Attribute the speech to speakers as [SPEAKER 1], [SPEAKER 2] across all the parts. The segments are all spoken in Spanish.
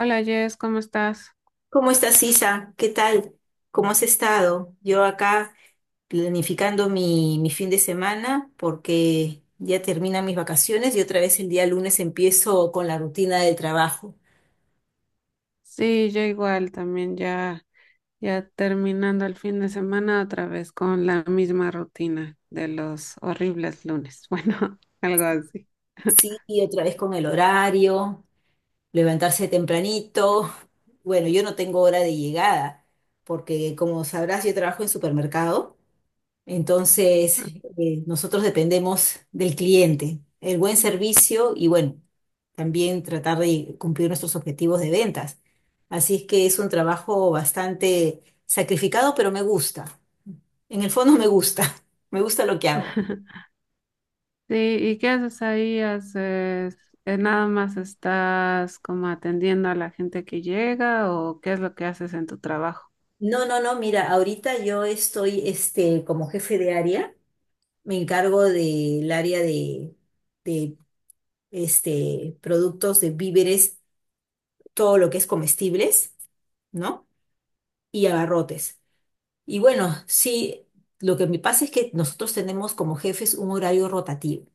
[SPEAKER 1] Hola Jess, ¿cómo estás?
[SPEAKER 2] ¿Cómo estás, Isa? ¿Qué tal? ¿Cómo has estado? Yo acá planificando mi fin de semana porque ya terminan mis vacaciones y otra vez el día lunes empiezo con la rutina del trabajo.
[SPEAKER 1] Sí, yo igual también ya terminando el fin de semana otra vez con la misma rutina de los horribles lunes. Bueno, algo así.
[SPEAKER 2] Sí, y otra vez con el horario, levantarse tempranito. Bueno, yo no tengo hora de llegada porque como sabrás, yo trabajo en supermercado. Entonces, nosotros dependemos del cliente, el buen servicio y bueno, también tratar de cumplir nuestros objetivos de ventas. Así es que es un trabajo bastante sacrificado, pero me gusta. En el fondo me gusta, me gusta lo que hago.
[SPEAKER 1] Sí, ¿y qué haces ahí? ¿ Nada más estás como atendiendo a la gente que llega o qué es lo que haces en tu trabajo?
[SPEAKER 2] No, no, no, mira, ahorita yo estoy como jefe de área, me encargo del área de productos de víveres, todo lo que es comestibles, ¿no? Y abarrotes. Y bueno, sí, lo que me pasa es que nosotros tenemos como jefes un horario rotativo.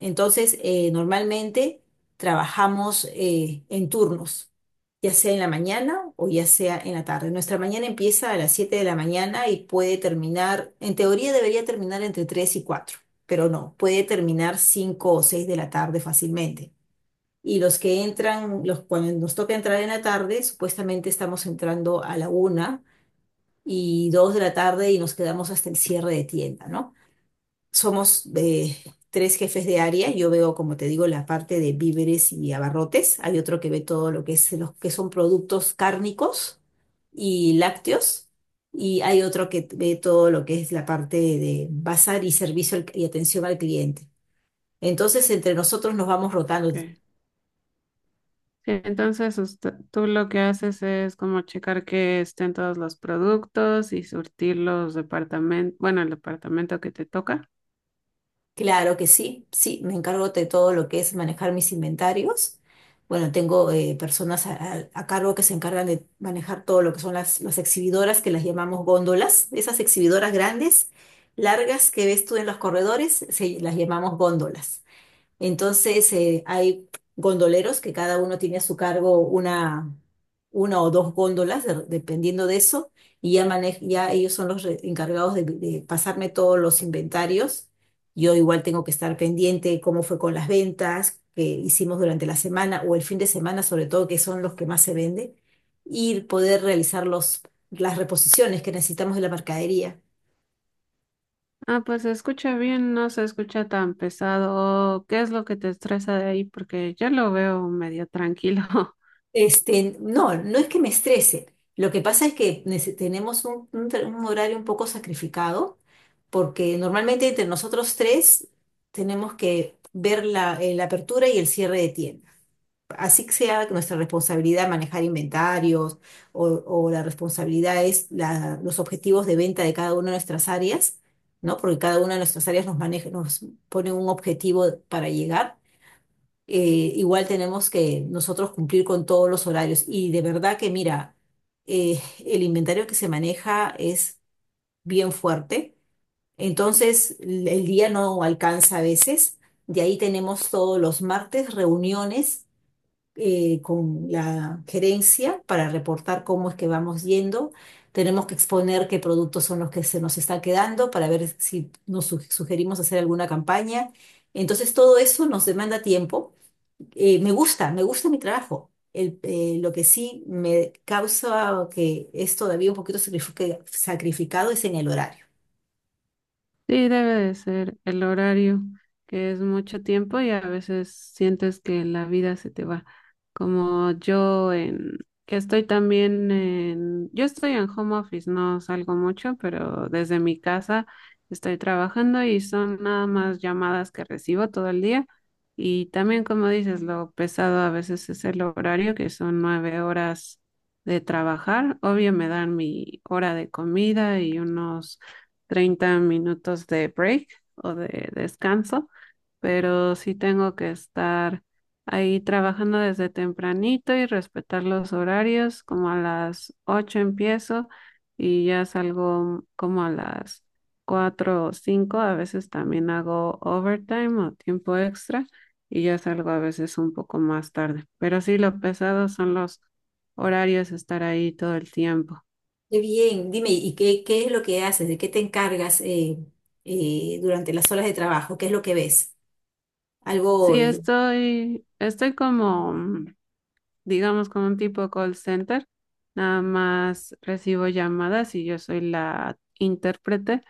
[SPEAKER 2] Entonces, normalmente trabajamos en turnos, ya sea en la mañana o ya sea en la tarde. Nuestra mañana empieza a las 7 de la mañana y puede terminar, en teoría debería terminar entre 3 y 4, pero no, puede terminar 5 o 6 de la tarde fácilmente. Y los que entran, los, cuando nos toca entrar en la tarde, supuestamente estamos entrando a la 1 y 2 de la tarde y nos quedamos hasta el cierre de tienda, ¿no? Somos tres jefes de área, yo veo, como te digo, la parte de víveres y abarrotes, hay otro que ve todo lo que es los que son productos cárnicos y lácteos, y hay otro que ve todo lo que es la parte de bazar y y atención al cliente. Entonces, entre nosotros nos vamos rotando.
[SPEAKER 1] Sí, entonces tú lo que haces es como checar que estén todos los productos y surtir los departamentos, bueno, el departamento que te toca.
[SPEAKER 2] Claro que sí, sí, me encargo de todo lo que es manejar mis inventarios. Bueno, tengo personas a cargo que se encargan de manejar todo lo que son las exhibidoras, que las llamamos góndolas. Esas exhibidoras grandes, largas que ves tú en los corredores, se, las llamamos góndolas. Entonces, hay gondoleros que cada uno tiene a su cargo una o dos góndolas, dependiendo de eso, y ya, ya ellos son los encargados de pasarme todos los inventarios. Yo igual tengo que estar pendiente cómo fue con las ventas que hicimos durante la semana o el fin de semana, sobre todo, que son los que más se venden, y poder realizar las reposiciones que necesitamos de la mercadería.
[SPEAKER 1] Ah, pues se escucha bien, no se escucha tan pesado. ¿Qué es lo que te estresa de ahí? Porque yo lo veo medio tranquilo.
[SPEAKER 2] Este, no, no es que me estrese. Lo que pasa es que tenemos un horario un poco sacrificado, porque normalmente entre nosotros tres tenemos que ver la apertura y el cierre de tiendas. Así que sea nuestra responsabilidad manejar inventarios o la responsabilidad es los objetivos de venta de cada una de nuestras áreas, ¿no? Porque cada una de nuestras áreas nos maneja, nos pone un objetivo para llegar igual tenemos que nosotros cumplir con todos los horarios. Y de verdad que, mira, eh, el inventario que se maneja es bien fuerte, entonces el día no alcanza a veces. De ahí tenemos todos los martes reuniones con la gerencia para reportar cómo es que vamos yendo. Tenemos que exponer qué productos son los que se nos está quedando para ver si nos sugerimos hacer alguna campaña. Entonces todo eso nos demanda tiempo me gusta mi trabajo. Lo que sí me causa que es todavía un poquito sacrificado es en el horario.
[SPEAKER 1] Sí, debe de ser el horario, que es mucho tiempo y a veces sientes que la vida se te va. Como yo en, que estoy también en, Yo estoy en home office, no salgo mucho, pero desde mi casa estoy trabajando y son nada más llamadas que recibo todo el día. Y también, como dices, lo pesado a veces es el horario, que son 9 horas de trabajar. Obvio, me dan mi hora de comida y unos 30 minutos de break o de descanso, pero sí tengo que estar ahí trabajando desde tempranito y respetar los horarios, como a las 8 empiezo y ya salgo como a las 4 o 5. A veces también hago overtime o tiempo extra y ya salgo a veces un poco más tarde, pero sí lo pesado son los horarios, estar ahí todo el tiempo.
[SPEAKER 2] Qué bien, dime, ¿y qué, qué es lo que haces? ¿De qué te encargas durante las horas de trabajo? ¿Qué es lo que ves? ¿Algo
[SPEAKER 1] Sí, estoy como digamos como un tipo call center. Nada más recibo llamadas y yo soy la intérprete,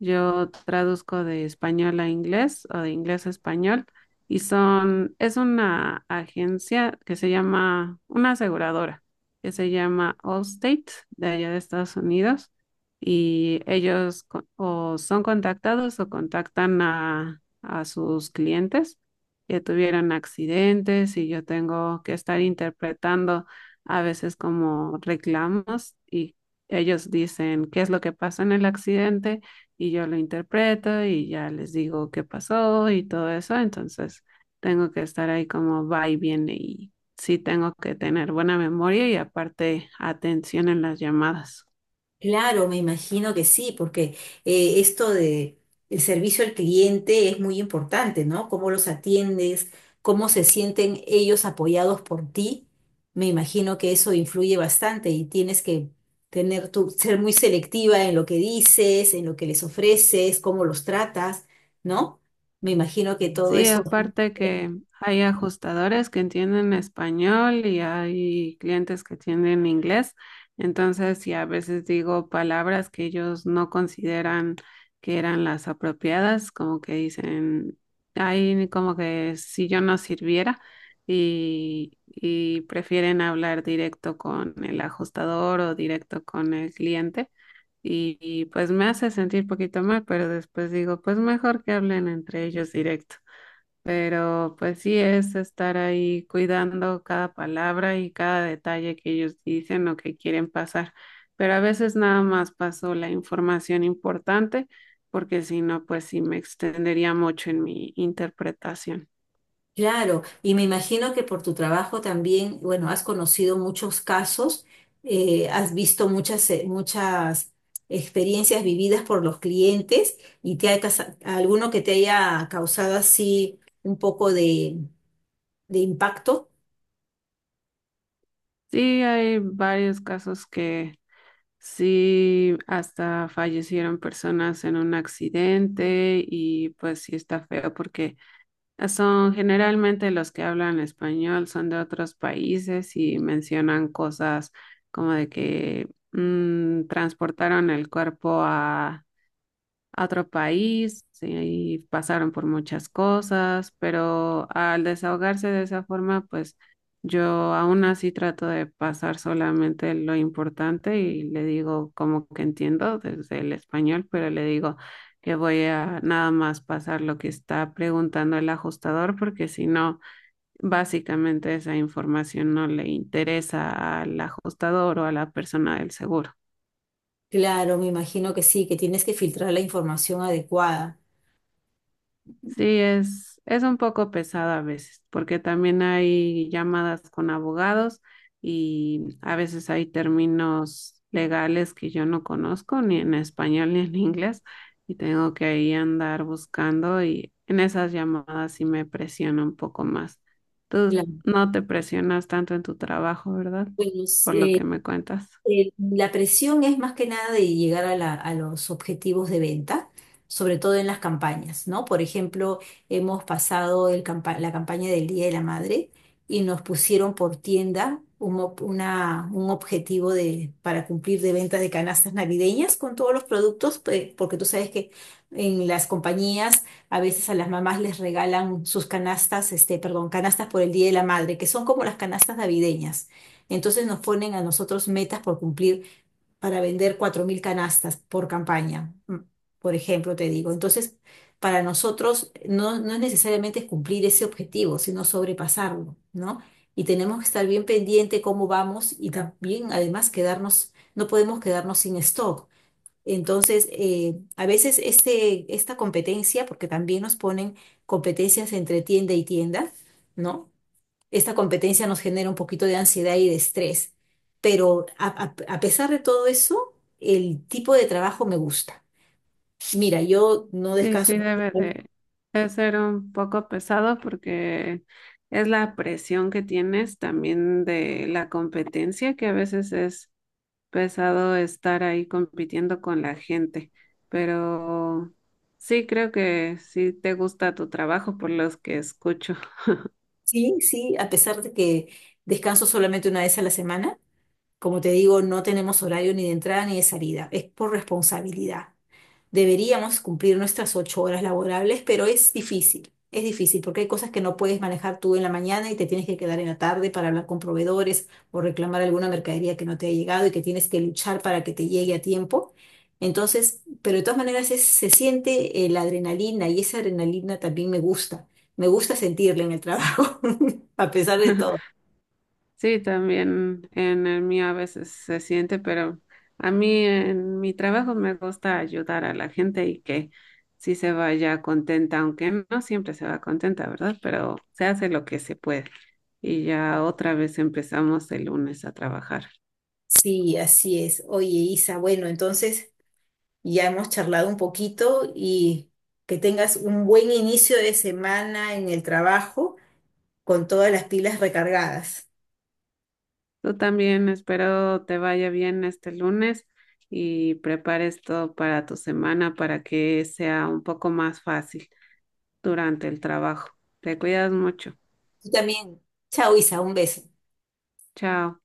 [SPEAKER 1] yo traduzco de español a inglés o de inglés a español. Y son, es una agencia que se llama, una aseguradora que se llama Allstate de allá de Estados Unidos, y ellos o son contactados o contactan a sus clientes que tuvieron accidentes, y yo tengo que estar interpretando a veces como reclamos. Y ellos dicen qué es lo que pasa en el accidente y yo lo interpreto y ya les digo qué pasó y todo eso. Entonces tengo que estar ahí como va y viene, y sí tengo que tener buena memoria y aparte atención en las llamadas.
[SPEAKER 2] Claro, me imagino que sí, porque esto de el servicio al cliente es muy importante, ¿no? Cómo los atiendes, cómo se sienten ellos apoyados por ti. Me imagino que eso influye bastante y tienes que tener tu, ser muy selectiva en lo que dices, en lo que les ofreces, cómo los tratas, ¿no? Me imagino que todo
[SPEAKER 1] Sí,
[SPEAKER 2] eso
[SPEAKER 1] aparte que hay ajustadores que entienden español y hay clientes que entienden inglés, entonces sí a veces digo palabras que ellos no consideran que eran las apropiadas, como que dicen, ahí como que si yo no sirviera, y prefieren hablar directo con el ajustador o directo con el cliente. Y pues me hace sentir poquito mal, pero después digo, pues mejor que hablen entre ellos directo. Pero pues sí es estar ahí cuidando cada palabra y cada detalle que ellos dicen o que quieren pasar. Pero a veces nada más paso la información importante, porque si no, pues sí me extendería mucho en mi interpretación.
[SPEAKER 2] Claro, y me imagino que por tu trabajo también, bueno, has conocido muchos casos, has visto muchas, muchas experiencias vividas por los clientes y te ha, alguno que te haya causado así un poco de impacto.
[SPEAKER 1] Sí, hay varios casos que sí hasta fallecieron personas en un accidente y pues sí está feo porque son generalmente los que hablan español, son de otros países y mencionan cosas como de que transportaron el cuerpo a otro país y pasaron por muchas cosas, pero al desahogarse de esa forma, pues yo aún así trato de pasar solamente lo importante y le digo como que entiendo desde el español, pero le digo que voy a nada más pasar lo que está preguntando el ajustador, porque si no, básicamente esa información no le interesa al ajustador o a la persona del seguro.
[SPEAKER 2] Claro, me imagino que sí, que tienes que filtrar la información adecuada.
[SPEAKER 1] Sí, es un poco pesado a veces, porque también hay llamadas con abogados y a veces hay términos legales que yo no conozco, ni en español ni en inglés, y tengo que ahí andar buscando y en esas llamadas sí me presiona un poco más. Tú
[SPEAKER 2] Claro.
[SPEAKER 1] no te presionas tanto en tu trabajo, ¿verdad?
[SPEAKER 2] Bueno,
[SPEAKER 1] Por lo que me cuentas.
[SPEAKER 2] La presión es más que nada de llegar a, a los objetivos de venta, sobre todo en las campañas, ¿no? Por ejemplo, hemos pasado la campaña del Día de la Madre y nos pusieron por tienda un objetivo de, para cumplir de ventas de canastas navideñas con todos los productos, porque tú sabes que en las compañías a veces a las mamás les regalan sus canastas, perdón, canastas por el Día de la Madre, que son como las canastas navideñas. Entonces nos ponen a nosotros metas por cumplir para vender 4.000 canastas por campaña, por ejemplo, te digo. Entonces, para nosotros no, no es necesariamente cumplir ese objetivo, sino sobrepasarlo, ¿no? Y tenemos que estar bien pendiente cómo vamos y también, además, quedarnos, no podemos quedarnos sin stock. Entonces, a veces esta competencia, porque también nos ponen competencias entre tienda y tienda, ¿no? Esta competencia nos genera un poquito de ansiedad y de estrés. Pero a pesar de todo eso, el tipo de trabajo me gusta. Mira, yo no
[SPEAKER 1] Sí, sí,
[SPEAKER 2] descanso.
[SPEAKER 1] debe de ser un poco pesado porque es la presión que tienes también de la competencia, que a veces es pesado estar ahí compitiendo con la gente, pero sí creo que sí te gusta tu trabajo por los que escucho.
[SPEAKER 2] Sí, sí, a pesar de que descanso solamente una vez a la semana, como te digo, no tenemos horario ni de entrada ni de salida, es por responsabilidad. Deberíamos cumplir nuestras 8 horas laborables, pero es difícil porque hay cosas que no puedes manejar tú en la mañana y te tienes que quedar en la tarde para hablar con proveedores o reclamar alguna mercadería que no te ha llegado y que tienes que luchar para que te llegue a tiempo. Entonces, pero de todas maneras se siente la adrenalina y esa adrenalina también me gusta. Me gusta sentirla en el trabajo, a pesar de todo.
[SPEAKER 1] Sí, también en el mío a veces se siente, pero a mí en mi trabajo me gusta ayudar a la gente y que sí se vaya contenta, aunque no siempre se va contenta, ¿verdad? Pero se hace lo que se puede. Y ya otra vez empezamos el lunes a trabajar.
[SPEAKER 2] Sí, así es. Oye, Isa, bueno, entonces ya hemos charlado un poquito y que tengas un buen inicio de semana en el trabajo con todas las pilas recargadas.
[SPEAKER 1] Tú también espero te vaya bien este lunes y prepares todo para tu semana para que sea un poco más fácil durante el trabajo. Te cuidas mucho.
[SPEAKER 2] Tú también. Chao, Isa, un beso.
[SPEAKER 1] Chao.